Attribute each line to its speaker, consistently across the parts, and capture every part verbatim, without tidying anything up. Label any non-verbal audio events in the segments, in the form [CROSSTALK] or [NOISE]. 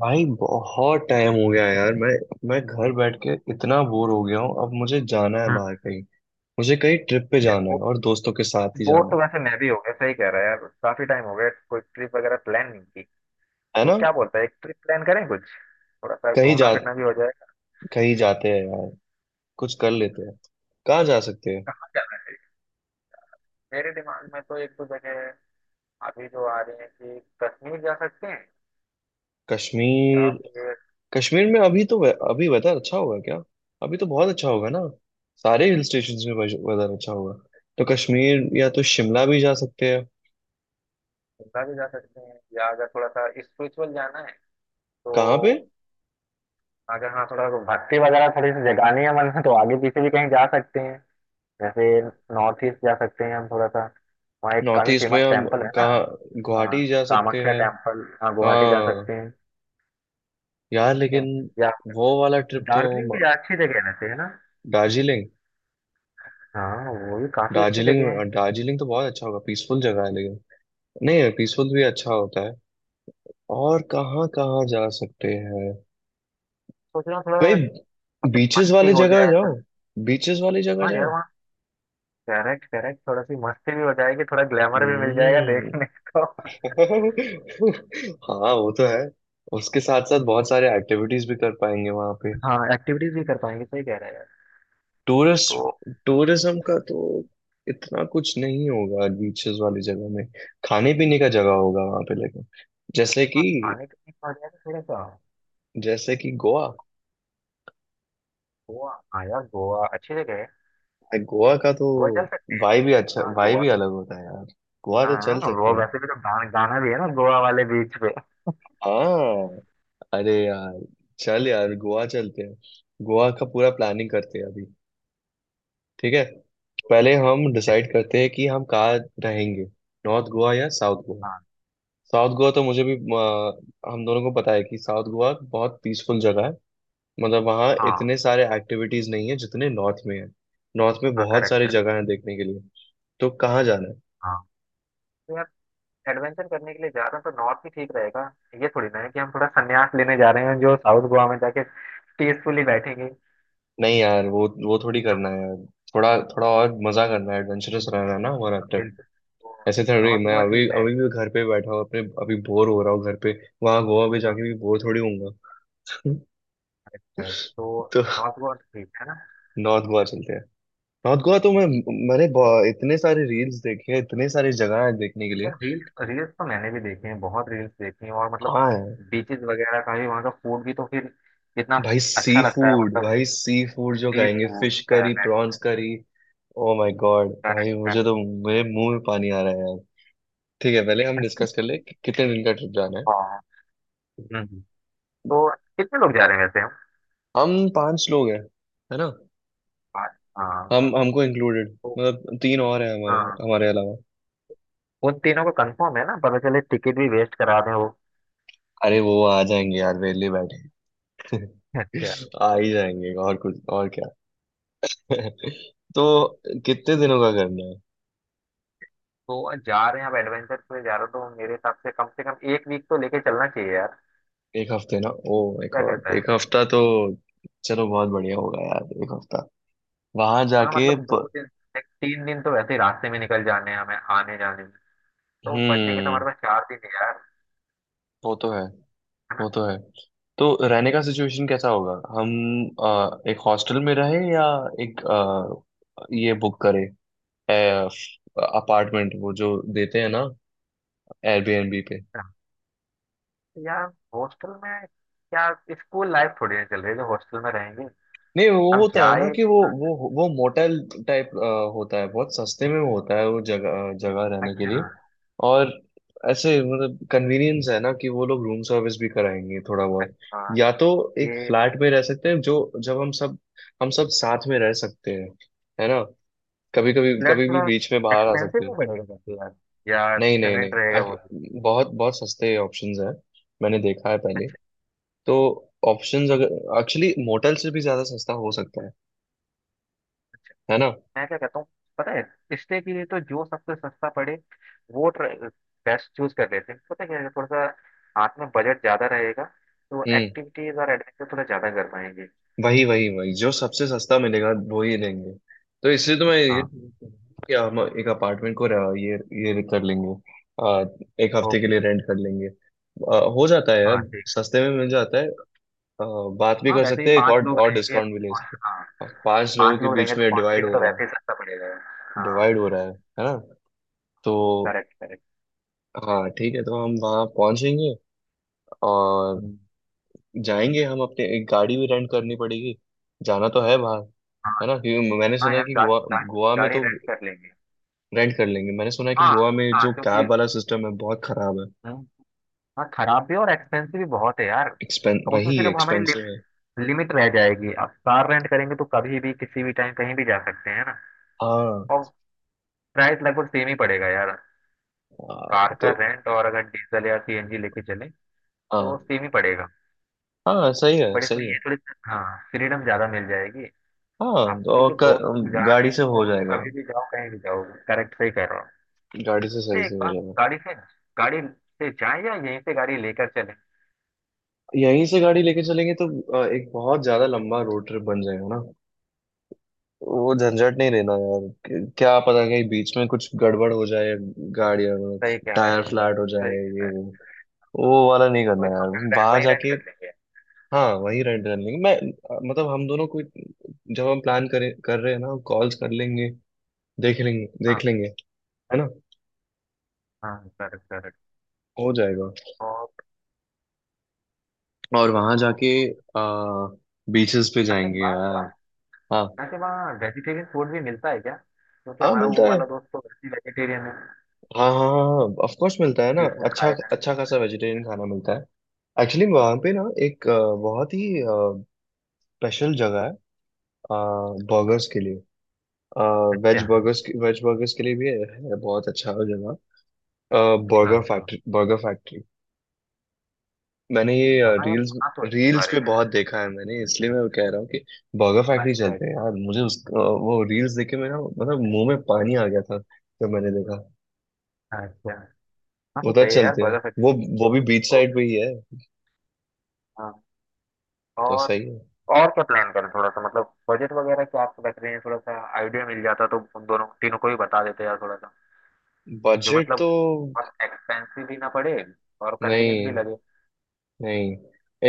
Speaker 1: भाई बहुत टाइम हो गया यार। मैं मैं घर बैठ के इतना बोर हो गया हूँ। अब मुझे जाना है
Speaker 2: हाँ,
Speaker 1: बाहर कहीं। मुझे कहीं ट्रिप पे जाना
Speaker 2: वो
Speaker 1: है और दोस्तों के साथ ही
Speaker 2: वो
Speaker 1: जाना
Speaker 2: तो
Speaker 1: है।
Speaker 2: वैसे मैं भी हो गया, सही कह रहा है यार। काफी टाइम हो गया कोई ट्रिप वगैरह प्लान नहीं की।
Speaker 1: है
Speaker 2: तो
Speaker 1: ना?
Speaker 2: क्या बोलता है एक ट्रिप प्लान करें कुछ, थोड़ा सा
Speaker 1: कहीं
Speaker 2: घूमना
Speaker 1: जा
Speaker 2: फिरना भी हो जाएगा।
Speaker 1: कहीं जाते हैं यार। कुछ कर लेते हैं। कहाँ जा सकते हैं?
Speaker 2: कहाँ जाना है? मेरे दिमाग में तो एक दो जगह है अभी जो आ रही है कि कश्मीर जा सकते हैं, या
Speaker 1: कश्मीर?
Speaker 2: फिर
Speaker 1: कश्मीर में अभी तो वे- अभी वेदर अच्छा होगा क्या? अभी तो बहुत अच्छा होगा ना। सारे हिल स्टेशन में वेदर अच्छा होगा। तो कश्मीर या तो शिमला भी जा सकते हैं।
Speaker 2: शिमला भी जा सकते हैं। या अगर थोड़ा सा स्पिरिचुअल जाना है तो
Speaker 1: कहाँ पे?
Speaker 2: अगर, हाँ, थोड़ा भक्ति वगैरह थोड़ी सी जगानी है मन में, तो आगे पीछे भी कहीं जा सकते हैं। जैसे नॉर्थ ईस्ट जा सकते हैं हम थोड़ा सा, वहाँ एक
Speaker 1: नॉर्थ
Speaker 2: काफी
Speaker 1: ईस्ट में
Speaker 2: फेमस
Speaker 1: हम,
Speaker 2: टेम्पल है ना।
Speaker 1: कहाँ,
Speaker 2: हाँ,
Speaker 1: गुवाहाटी जा सकते
Speaker 2: कामाख्या
Speaker 1: हैं।
Speaker 2: टेम्पल। हाँ, गुवाहाटी जा
Speaker 1: हाँ।
Speaker 2: सकते हैं।
Speaker 1: यार
Speaker 2: क्यों,
Speaker 1: लेकिन
Speaker 2: या
Speaker 1: वो वाला ट्रिप तो,
Speaker 2: दार्जिलिंग भी
Speaker 1: म-
Speaker 2: जा- अच्छी जगह है वैसे, है ना।
Speaker 1: दार्जिलिंग?
Speaker 2: हाँ, वो भी काफी अच्छी
Speaker 1: दार्जिलिंग
Speaker 2: जगह है।
Speaker 1: दार्जिलिंग तो बहुत अच्छा होगा, पीसफुल जगह है लेकिन। नहीं, पीसफुल भी अच्छा होता है। और कहाँ कहाँ जा सकते हैं?
Speaker 2: सोच रहा हूँ थोड़ा,
Speaker 1: कई
Speaker 2: मतलब
Speaker 1: बीचेस
Speaker 2: मस्ती
Speaker 1: वाली
Speaker 2: हो
Speaker 1: जगह
Speaker 2: जाए
Speaker 1: जाओ,
Speaker 2: थोड़ी।
Speaker 1: बीचेस वाली जगह
Speaker 2: हाँ यार,
Speaker 1: जाए।
Speaker 2: वहाँ करेक्ट करेक्ट, थोड़ा सी मस्ती भी हो जाएगी, थोड़ा ग्लैमर भी मिल जाएगा
Speaker 1: हम्म।
Speaker 2: देखने को।
Speaker 1: [LAUGHS] हाँ वो तो है। उसके साथ साथ बहुत सारे एक्टिविटीज भी कर पाएंगे वहां पे।
Speaker 2: हाँ, एक्टिविटीज भी कर पाएंगे, सही कह रहे हैं यार।
Speaker 1: टूरिस्ट,
Speaker 2: तो
Speaker 1: टूरिज्म का तो इतना कुछ नहीं होगा बीचेस वाली जगह में। खाने पीने का जगह होगा वहां पे लेकिन, जैसे कि,
Speaker 2: हाँ, खाने पीने का हो जाएगा थोड़ा सा।
Speaker 1: जैसे कि गोवा।
Speaker 2: गोवा, हाँ यार, गोवा अच्छी जगह है।
Speaker 1: गोवा का तो
Speaker 2: गोवा चल सकते हैं।
Speaker 1: वाइब भी अच्छा,
Speaker 2: हाँ,
Speaker 1: वाइब
Speaker 2: गोवा।
Speaker 1: भी अलग होता है यार। गोवा तो
Speaker 2: हाँ,
Speaker 1: चल
Speaker 2: गोवा
Speaker 1: सकते हैं।
Speaker 2: वैसे भी तो गाना गाना भी है ना गोवा वाले बीच पे।
Speaker 1: हाँ, अरे यार, चल यार गोवा चलते हैं। गोवा का पूरा प्लानिंग करते हैं अभी। ठीक है। पहले हम
Speaker 2: बिल्कुल,
Speaker 1: डिसाइड करते हैं कि हम कहाँ रहेंगे। नॉर्थ गोवा या साउथ गोवा?
Speaker 2: हाँ
Speaker 1: साउथ गोवा तो मुझे भी अ, हम दोनों को पता है कि साउथ गोवा बहुत पीसफुल जगह है। मतलब वहाँ
Speaker 2: हाँ
Speaker 1: इतने सारे एक्टिविटीज नहीं है जितने नॉर्थ में है। नॉर्थ में
Speaker 2: हाँ,
Speaker 1: बहुत
Speaker 2: करेक्ट
Speaker 1: सारी जगह है देखने के लिए। तो कहाँ जाना है?
Speaker 2: करेक्ट। तो यार, एडवेंचर करने के लिए जा रहे हैं तो नॉर्थ ही ठीक रहेगा। ये थोड़ी ना है कि हम थोड़ा संन्यास लेने जा रहे हैं जो साउथ गोवा में जाके पीसफुली बैठेंगे।
Speaker 1: नहीं यार, वो वो थोड़ी करना है यार। थोड़ा थोड़ा और मजा करना है, एडवेंचरस रहना है ना हमारा ट्रिप।
Speaker 2: बिल्कुल, तो
Speaker 1: ऐसे थोड़ी।
Speaker 2: नॉर्थ
Speaker 1: मैं
Speaker 2: गोवा
Speaker 1: अभी
Speaker 2: ठीक रहेगा।
Speaker 1: अभी भी घर पे बैठा हूँ अपने, अभी बोर हो रहा हूँ घर पे। वहाँ गोवा भी
Speaker 2: हाँ,
Speaker 1: जाके भी बोर थोड़ी होऊंगा। [LAUGHS]
Speaker 2: correct है। तो
Speaker 1: तो
Speaker 2: नॉर्थ गोवा तो ठीक है ना।
Speaker 1: नॉर्थ गोवा चलते हैं। नॉर्थ गोवा तो मैं मैंने बहु- इतने सारे रील्स देखे हैं, इतने सारी जगह है देखने के लिए।
Speaker 2: यार रील्स, रील्स तो मैंने भी देखे हैं, बहुत रील्स देखी हैं। और मतलब
Speaker 1: हाँ।
Speaker 2: बीचेस वगैरह का भी वहाँ का फूड भी तो फिर कितना
Speaker 1: भाई सी
Speaker 2: अच्छा लगता है,
Speaker 1: फूड,
Speaker 2: मतलब
Speaker 1: भाई सी फूड जो
Speaker 2: सी
Speaker 1: खाएंगे,
Speaker 2: food.
Speaker 1: Fish curry, prawns curry. Oh my god भाई मुझे तो, मेरे मुंह में पानी आ रहा है यार। ठीक है। पहले हम डिस्कस कर ले कि कितने दिन का ट्रिप जाना है।
Speaker 2: तो कितने लोग जा रहे हैं वैसे हम?
Speaker 1: हम पांच लोग हैं, है ना?
Speaker 2: पाँच, हाँ।
Speaker 1: हम, हमको इंक्लूडेड,
Speaker 2: तो
Speaker 1: मतलब तीन और हैं हमारे
Speaker 2: हाँ,
Speaker 1: हमारे अलावा।
Speaker 2: उन तीनों का कंफर्म है ना, पता चले टिकट भी वेस्ट करा दें वो।
Speaker 1: अरे वो आ जाएंगे यार वेले बैठे।
Speaker 2: अच्छा।
Speaker 1: [LAUGHS] आ ही जाएंगे। और कुछ और क्या? [LAUGHS] तो कितने दिनों का करना है?
Speaker 2: तो जा रहे हैं, अब एडवेंचर में जा रहे हो तो मेरे हिसाब से कम से कम एक वीक तो लेके चलना चाहिए यार।
Speaker 1: एक हफ्ते ना? ओ माय
Speaker 2: क्या
Speaker 1: गॉड
Speaker 2: कहता है?
Speaker 1: एक हफ्ता तो, चलो बहुत बढ़िया होगा यार एक हफ्ता। वहां
Speaker 2: हाँ
Speaker 1: जाके
Speaker 2: मतलब, दो
Speaker 1: प...
Speaker 2: दिन एक तीन दिन तो वैसे ही रास्ते में निकल जाने हैं हमें आने जाने में। तो बचेंगे तो
Speaker 1: हम्म।
Speaker 2: हमारे पास चार दिन है यार,
Speaker 1: वो तो है,
Speaker 2: है ना।
Speaker 1: वो तो है। तो रहने का सिचुएशन कैसा होगा? हम अ, एक हॉस्टल में रहे, या एक अ, ये बुक करें, अपार्टमेंट वो जो देते हैं ना एयरबीएनबी पे?
Speaker 2: तो यार, हॉस्टल में क्या, स्कूल लाइफ थोड़ी ना चल रही है जो हॉस्टल में रहेंगे।
Speaker 1: नहीं वो
Speaker 2: अब
Speaker 1: होता है ना
Speaker 2: जाए
Speaker 1: कि वो
Speaker 2: तो-
Speaker 1: वो वो मोटेल टाइप होता है। बहुत सस्ते में होता है, वो जगह जगह रहने के
Speaker 2: अच्छा।
Speaker 1: लिए। और, ऐसे मतलब, कन्वीनियंस है ना कि वो लोग रूम सर्विस भी कराएंगे थोड़ा बहुत।
Speaker 2: हाँ,
Speaker 1: या तो एक
Speaker 2: ये
Speaker 1: फ्लैट में रह सकते हैं, जो जब हम सब हम सब साथ में रह सकते हैं, है ना? कभी कभी
Speaker 2: फ्लैट
Speaker 1: कभी भी
Speaker 2: थोड़ा
Speaker 1: बीच में बाहर आ
Speaker 2: एक्सपेंसिव
Speaker 1: सकते
Speaker 2: भी
Speaker 1: हैं।
Speaker 2: पड़ेगा वैसे यार। या
Speaker 1: नहीं नहीं नहीं,
Speaker 2: कन्वीनियंट रहेगा
Speaker 1: आख-
Speaker 2: वो भी?
Speaker 1: बहुत बहुत सस्ते ऑप्शंस हैं। मैंने देखा है पहले।
Speaker 2: अच्छा,
Speaker 1: तो ऑप्शंस अगर एक्चुअली मोटेल से भी ज्यादा सस्ता हो सकता है है ना?
Speaker 2: मैं क्या कहता हूँ पता है, रिश्ते के लिए तो जो सबसे सस्ता पड़े, वो बेस्ट चूज कर लेते हैं। पता है क्या है, थोड़ा सा हाथ में बजट ज्यादा रहेगा तो
Speaker 1: हम्म।
Speaker 2: एक्टिविटीज और एडवेंचर थोड़ा ज्यादा कर पाएंगे।
Speaker 1: वही वही वही जो सबसे सस्ता मिलेगा वो ही लेंगे। तो इसलिए तो मैं ये
Speaker 2: हाँ,
Speaker 1: कि हम एक अपार्टमेंट को रह- ये ये कर लेंगे। आ, एक हफ्ते के
Speaker 2: ओके।
Speaker 1: लिए रेंट कर लेंगे, आ, हो जाता है यार,
Speaker 2: हाँ, ठीक।
Speaker 1: सस्ते में मिल जाता है। आ, बात भी
Speaker 2: हाँ
Speaker 1: कर
Speaker 2: वैसे ही,
Speaker 1: सकते हैं, एक
Speaker 2: पांच
Speaker 1: और
Speaker 2: लोग
Speaker 1: और
Speaker 2: रहेंगे तो
Speaker 1: डिस्काउंट भी ले
Speaker 2: कौन-
Speaker 1: सकते
Speaker 2: हाँ,
Speaker 1: हैं। पांच लोगों
Speaker 2: पांच
Speaker 1: के
Speaker 2: लोग रहेंगे
Speaker 1: बीच
Speaker 2: तो
Speaker 1: में
Speaker 2: कंट्री
Speaker 1: डिवाइड
Speaker 2: में
Speaker 1: हो
Speaker 2: तो
Speaker 1: रहा है,
Speaker 2: वैसे ही सस्ता पड़ेगा। हाँ,
Speaker 1: डिवाइड हो रहा है है ना? तो,
Speaker 2: करेक्ट करेक्ट।
Speaker 1: हाँ ठीक है। तो हम वहाँ पहुंचेंगे और, जाएंगे हम अपने, एक गाड़ी भी रेंट करनी पड़ेगी। जाना तो है बाहर,
Speaker 2: हाँ
Speaker 1: है ना? क्योंकि मैंने
Speaker 2: हाँ
Speaker 1: सुना है
Speaker 2: यार,
Speaker 1: कि
Speaker 2: गाड़ी
Speaker 1: गोवा
Speaker 2: गाड़ी
Speaker 1: गोवा में
Speaker 2: गाड़ी
Speaker 1: तो
Speaker 2: रेंट कर लेंगे।
Speaker 1: रेंट कर लेंगे। मैंने सुना है कि
Speaker 2: हाँ
Speaker 1: गोवा में
Speaker 2: हाँ,
Speaker 1: जो
Speaker 2: क्योंकि
Speaker 1: कैब वाला सिस्टम है बहुत खराब है।
Speaker 2: हम्म, हाँ, खराब भी और एक्सपेंसिव भी बहुत है यार।
Speaker 1: एक्सपें
Speaker 2: अब उसमें
Speaker 1: वही
Speaker 2: फिर, अब हमारी
Speaker 1: एक्सपेंसिव है।
Speaker 2: लिमिट रह जाएगी। आप कार रेंट करेंगे तो कभी भी किसी भी टाइम कहीं भी जा सकते हैं ना।
Speaker 1: हाँ।
Speaker 2: और प्राइस लगभग सेम ही पड़ेगा यार,
Speaker 1: हाँ,
Speaker 2: कार का
Speaker 1: तो
Speaker 2: रेंट और अगर डीजल या सीएनजी लेके चलें तो
Speaker 1: हाँ।
Speaker 2: सेम ही पड़ेगा।
Speaker 1: हाँ सही है,
Speaker 2: बट इसमें
Speaker 1: सही है।
Speaker 2: ये थोड़ी सी- हाँ, फ्रीडम ज्यादा मिल जाएगी
Speaker 1: हाँ
Speaker 2: आप
Speaker 1: तो
Speaker 2: क्योंकि दोस्त लोग
Speaker 1: क-
Speaker 2: जा रहे
Speaker 1: गाड़ी
Speaker 2: हैं,
Speaker 1: से हो
Speaker 2: तो
Speaker 1: जाएगा।
Speaker 2: कभी भी जाओ कहीं भी जाओ। करेक्ट, सही कह रहे हो।
Speaker 1: गाड़ी से
Speaker 2: तो
Speaker 1: सही से
Speaker 2: एक
Speaker 1: हो
Speaker 2: बात,
Speaker 1: जाएगा।
Speaker 2: गाड़ी से गाड़ी से जाए या यहीं से गाड़ी लेकर चले?
Speaker 1: यहीं से गाड़ी लेके चलेंगे तो अ, एक बहुत ज्यादा लंबा रोड ट्रिप बन जाएगा ना। वो झंझट नहीं लेना यार, क- क्या पता कहीं बीच में कुछ गड़बड़ हो जाए गाड़ी में।
Speaker 2: सही कह रहे हैं।
Speaker 1: टायर फ्लैट हो जाए,
Speaker 2: सही कह
Speaker 1: ये
Speaker 2: रहे
Speaker 1: वो।
Speaker 2: हैं।
Speaker 1: वो वाला नहीं
Speaker 2: तो
Speaker 1: करना
Speaker 2: एक काम
Speaker 1: यार।
Speaker 2: करते हैं,
Speaker 1: वहां
Speaker 2: वहीं रेंट
Speaker 1: जाके,
Speaker 2: कर लेंगे।
Speaker 1: हाँ वही रेंट कर लेंगे। मैं मतलब हम दोनों को, जब हम प्लान करें कर रहे हैं ना, कॉल्स कर लेंगे, देख लेंगे,
Speaker 2: हाँ
Speaker 1: देख लेंगे। है ना?
Speaker 2: हाँ, करेक्ट करेक्ट।
Speaker 1: हो जाएगा।
Speaker 2: और
Speaker 1: और वहां
Speaker 2: और
Speaker 1: जाके, आ, बीचेस पे
Speaker 2: अच्छा, एक
Speaker 1: जाएंगे
Speaker 2: बात,
Speaker 1: यार। हाँ।
Speaker 2: वैसे वहाँ वेजिटेरियन फूड भी मिलता है क्या, क्योंकि
Speaker 1: हाँ
Speaker 2: हमारा वो
Speaker 1: मिलता है।
Speaker 2: वाला दोस्त तो वैसे वेजिटेरियन है।
Speaker 1: हाँ हाँ हाँ ऑफ कोर्स
Speaker 2: वो
Speaker 1: मिलता
Speaker 2: तो
Speaker 1: है ना,
Speaker 2: सी फूड
Speaker 1: अच्छा
Speaker 2: खाएगा नहीं।
Speaker 1: अच्छा खासा वेजिटेरियन खाना मिलता है। एक्चुअली वहाँ पे ना एक अ, बहुत ही स्पेशल जगह है बर्गर्स के लिए। वेज
Speaker 2: अच्छा
Speaker 1: बर्गर्स वेज बर्गर्स के लिए भी है बहुत अच्छा जगह।
Speaker 2: अच्छा।
Speaker 1: बर्गर
Speaker 2: अच्छा
Speaker 1: फैक्ट्री बर्गर फैक्ट्री। मैंने ये
Speaker 2: अच्छा। हाँ यार,
Speaker 1: रील्स
Speaker 2: सुना तो है इसके
Speaker 1: रील्स
Speaker 2: बारे
Speaker 1: पे
Speaker 2: में।
Speaker 1: बहुत देखा है मैंने, इसलिए मैं कह रहा हूँ कि बर्गर फैक्ट्री
Speaker 2: अच्छा अच्छा।
Speaker 1: चलते हैं यार। मुझे उस अ, वो रील्स देखे मैं ना, मतलब मुंह में पानी आ गया था जब मैंने देखा।
Speaker 2: अच्छा, हाँ तो
Speaker 1: उधर
Speaker 2: सही है यार,
Speaker 1: चलते हैं।
Speaker 2: बर्गर
Speaker 1: वो
Speaker 2: फैक्ट्री।
Speaker 1: वो भी बीच
Speaker 2: तो
Speaker 1: साइड पे ही है।
Speaker 2: हाँ।
Speaker 1: तो
Speaker 2: और
Speaker 1: सही है।
Speaker 2: और क्या प्लान करें, थोड़ा सा मतलब बजट वगैरह क्या आप रख रहे हैं, थोड़ा सा आइडिया मिल जाता तो उन दोनों तीनों को ही बता देते यार थोड़ा सा, जो
Speaker 1: बजट
Speaker 2: मतलब
Speaker 1: तो,
Speaker 2: बहुत एक्सपेंसिव भी ना पड़े और कन्वीनियंट भी
Speaker 1: नहीं
Speaker 2: लगे।
Speaker 1: नहीं,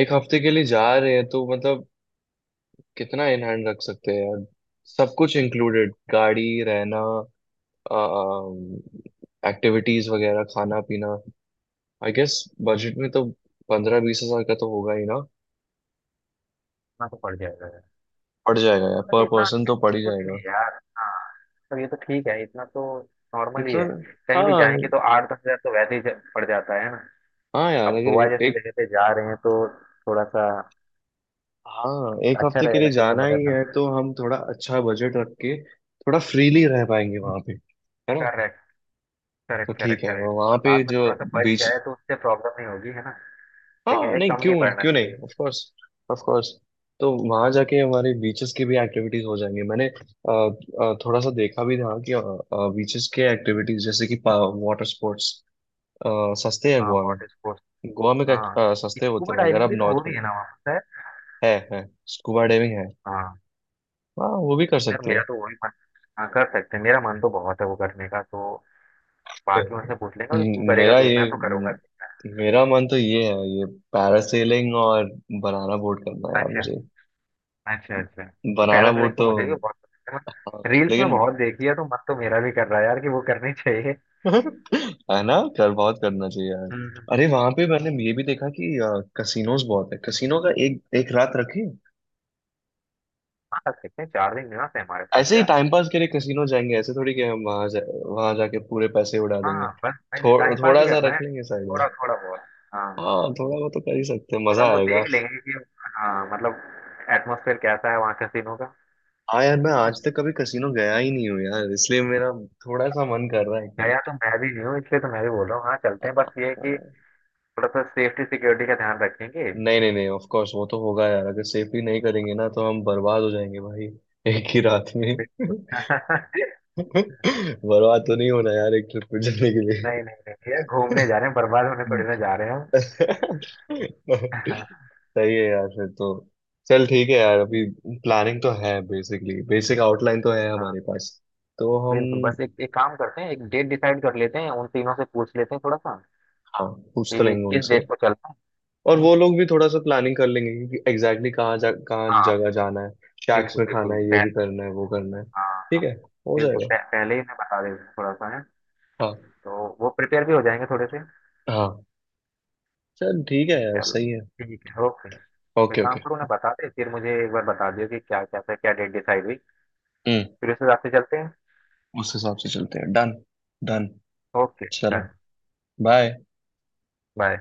Speaker 1: एक हफ्ते के लिए जा रहे हैं तो मतलब, कितना इन हैंड रख सकते हैं यार? सब कुछ इंक्लूडेड - गाड़ी, रहना, एक्टिविटीज वगैरह, खाना पीना। आई गेस बजट में तो पंद्रह बीस हजार का तो होगा ही ना।
Speaker 2: इतना तो पड़ जाएगा यार,
Speaker 1: पड़ जाएगा यार, पर
Speaker 2: वैसे इतना।
Speaker 1: पर्सन तो पड़ ही
Speaker 2: नहीं
Speaker 1: जाएगा।
Speaker 2: नहीं यार। हाँ, तो ये तो ठीक है, इतना तो नॉर्मल ही
Speaker 1: इतना,
Speaker 2: है। कहीं भी
Speaker 1: हाँ
Speaker 2: जाएंगे तो आठ दस हजार तो वैसे ही जा- पड़ जाता है ना।
Speaker 1: हाँ यार,
Speaker 2: अब
Speaker 1: अगर
Speaker 2: गोवा
Speaker 1: ए,
Speaker 2: जैसी
Speaker 1: एक,
Speaker 2: जगह पे जा रहे हैं तो थोड़ा सा
Speaker 1: हाँ एक
Speaker 2: अच्छा
Speaker 1: हफ्ते के
Speaker 2: रहेगा
Speaker 1: लिए
Speaker 2: थोड़ा सा
Speaker 1: जाना ही
Speaker 2: बजट।
Speaker 1: है तो हम थोड़ा अच्छा बजट रख के थोड़ा फ्रीली रह पाएंगे वहां पे, है ना?
Speaker 2: करेक्ट
Speaker 1: तो
Speaker 2: करेक्ट,
Speaker 1: ठीक
Speaker 2: करेक्ट
Speaker 1: है।
Speaker 2: करेक्ट।
Speaker 1: वहां पे
Speaker 2: बाद में
Speaker 1: जो
Speaker 2: थोड़ा सा बच
Speaker 1: बीच,
Speaker 2: जाए तो उससे प्रॉब्लम नहीं होगी, है ना। लेकिन
Speaker 1: हाँ
Speaker 2: ये
Speaker 1: नहीं
Speaker 2: कम
Speaker 1: क्यों,
Speaker 2: नहीं पड़ना
Speaker 1: क्यों नहीं,
Speaker 2: चाहिए।
Speaker 1: Of course of course. तो वहां जाके हमारे बीचेस की भी एक्टिविटीज हो जाएंगी। मैंने अ, अ, थोड़ा सा देखा भी था कि बीचेस के एक्टिविटीज जैसे कि वाटर स्पोर्ट्स सस्ते हैं
Speaker 2: हाँ,
Speaker 1: गोवा में।
Speaker 2: Water sports.
Speaker 1: गोवा में क्या-
Speaker 2: हाँ,
Speaker 1: अ, सस्ते होते
Speaker 2: स्कूबा
Speaker 1: हैं अगर
Speaker 2: डाइविंग
Speaker 1: आप
Speaker 2: भी तो
Speaker 1: नॉर्थ
Speaker 2: हो रही
Speaker 1: में।
Speaker 2: है ना वहाँ पर शायद?
Speaker 1: है है। स्कूबा डाइविंग है।
Speaker 2: हाँ
Speaker 1: हाँ वो भी कर
Speaker 2: यार,
Speaker 1: सकते हैं।
Speaker 2: मेरा तो वही मन। हाँ कर सकते हैं, मेरा मन तो बहुत है वो करने का। तो बाकी उनसे पूछ लेंगे, और तू
Speaker 1: हम्म,
Speaker 2: करेगा
Speaker 1: मेरा
Speaker 2: तो
Speaker 1: ये
Speaker 2: मैं तो
Speaker 1: हम्म,
Speaker 2: करूंगा।
Speaker 1: मेरा मन तो ये है, ये पैरासेलिंग और बनाना बोट करना है यार
Speaker 2: अच्छा
Speaker 1: मुझे।
Speaker 2: अच्छा। अच्छा,
Speaker 1: बनाना
Speaker 2: पैरासेलिंग
Speaker 1: बोट
Speaker 2: तो
Speaker 1: तो,
Speaker 2: मुझे भी बहुत पसंद है,
Speaker 1: हाँ,
Speaker 2: मतलब रील्स में
Speaker 1: लेकिन,
Speaker 2: बहुत देखी है, तो मन तो मेरा भी कर रहा है यार कि वो करनी [LAUGHS] चाहिए।
Speaker 1: है ना? कर बहुत करना चाहिए यार।
Speaker 2: हम्म।
Speaker 1: अरे वहां पे मैंने ये भी देखा कि कसिनोज बहुत है, कसिनो का एक एक रात रखें।
Speaker 2: हाँ कर सकते हैं, चार दिन निवास है हमारे पास
Speaker 1: ऐसे ही
Speaker 2: यार।
Speaker 1: टाइम पास के लिए कसिनो जाएंगे। ऐसे थोड़ी कि हम वहां जा, वहां जाके पूरे पैसे उड़ा
Speaker 2: हाँ
Speaker 1: देंगे,
Speaker 2: हाँ, बस भाई
Speaker 1: थो,
Speaker 2: टाइम पास ही
Speaker 1: थोड़ा सा
Speaker 2: करना है,
Speaker 1: रख लेंगे साइड में।
Speaker 2: थोड़ा थोड़ा बहुत। हाँ हाँ,
Speaker 1: हाँ थोड़ा वो तो कर ही सकते हैं,
Speaker 2: थोड़ा
Speaker 1: मजा
Speaker 2: बहुत
Speaker 1: आएगा।
Speaker 2: देख लेंगे कि हाँ मतलब एटमोसफेयर कैसा है वहाँ कैसीनो का।
Speaker 1: हाँ यार मैं
Speaker 2: है ना,
Speaker 1: आज तक कभी कसिनो गया ही नहीं हूँ यार, इसलिए मेरा थोड़ा सा मन कर रहा है कि
Speaker 2: गया तो मैं भी नहीं हूँ, इसलिए तो मैं भी बोल रहा हूँ, हाँ
Speaker 1: आ,
Speaker 2: चलते हैं। बस ये है कि
Speaker 1: आ,
Speaker 2: थोड़ा सा सेफ्टी सिक्योरिटी का ध्यान रखेंगे।
Speaker 1: नहीं नहीं नहीं ऑफ कोर्स वो तो होगा यार। अगर सेफली नहीं करेंगे ना तो हम बर्बाद हो जाएंगे भाई, एक ही रात में।
Speaker 2: [LAUGHS]
Speaker 1: बर्बाद तो नहीं होना यार एक ट्रिप पे जाने के लिए।
Speaker 2: नहीं नहीं नहीं यार, घूमने जा रहे हैं, बर्बाद होने थोड़ी ना जा रहे हैं हम। [LAUGHS] हाँ,
Speaker 1: सही है यार फिर तो। चल ठीक है यार। अभी प्लानिंग तो है, बेसिकली बेसिक आउटलाइन तो है हमारे पास। तो हम,
Speaker 2: बिल्कुल। बस एक एक काम करते हैं, एक डेट डिसाइड कर लेते हैं, उन तीनों से पूछ लेते हैं थोड़ा सा
Speaker 1: हाँ पूछ तो
Speaker 2: कि
Speaker 1: लेंगे
Speaker 2: किस
Speaker 1: उनसे।
Speaker 2: डेट को चलना है
Speaker 1: और
Speaker 2: है ना।
Speaker 1: वो लोग भी थोड़ा सा प्लानिंग कर लेंगे कि एग्जैक्टली कहाँ जा कहाँ
Speaker 2: हाँ,
Speaker 1: जगह जाना है। शैक्स
Speaker 2: बिल्कुल
Speaker 1: में खाना
Speaker 2: बिल्कुल,
Speaker 1: है, ये भी
Speaker 2: पहले,
Speaker 1: करना है वो करना है। ठीक
Speaker 2: हाँ
Speaker 1: है, हो
Speaker 2: बिल्कुल,
Speaker 1: जाएगा।
Speaker 2: पह, पहले ही मैं बता देता हूँ थोड़ा सा है,
Speaker 1: हाँ
Speaker 2: तो वो प्रिपेयर भी हो जाएंगे थोड़े से।
Speaker 1: हाँ। चल ठीक है यार
Speaker 2: चलो,
Speaker 1: सही है।
Speaker 2: ठीक है, ओके। तो
Speaker 1: ओके
Speaker 2: एक काम
Speaker 1: ओके।
Speaker 2: करो ना, बता दे फिर मुझे एक बार बता दियो कि क्या क्या क्या डेट डिसाइड हुई,
Speaker 1: हम्म।
Speaker 2: फिर उस हिसाब से चलते हैं।
Speaker 1: उस हिसाब से चलते हैं। डन। डन।
Speaker 2: Okay done.
Speaker 1: चलो। बाय।
Speaker 2: बाय।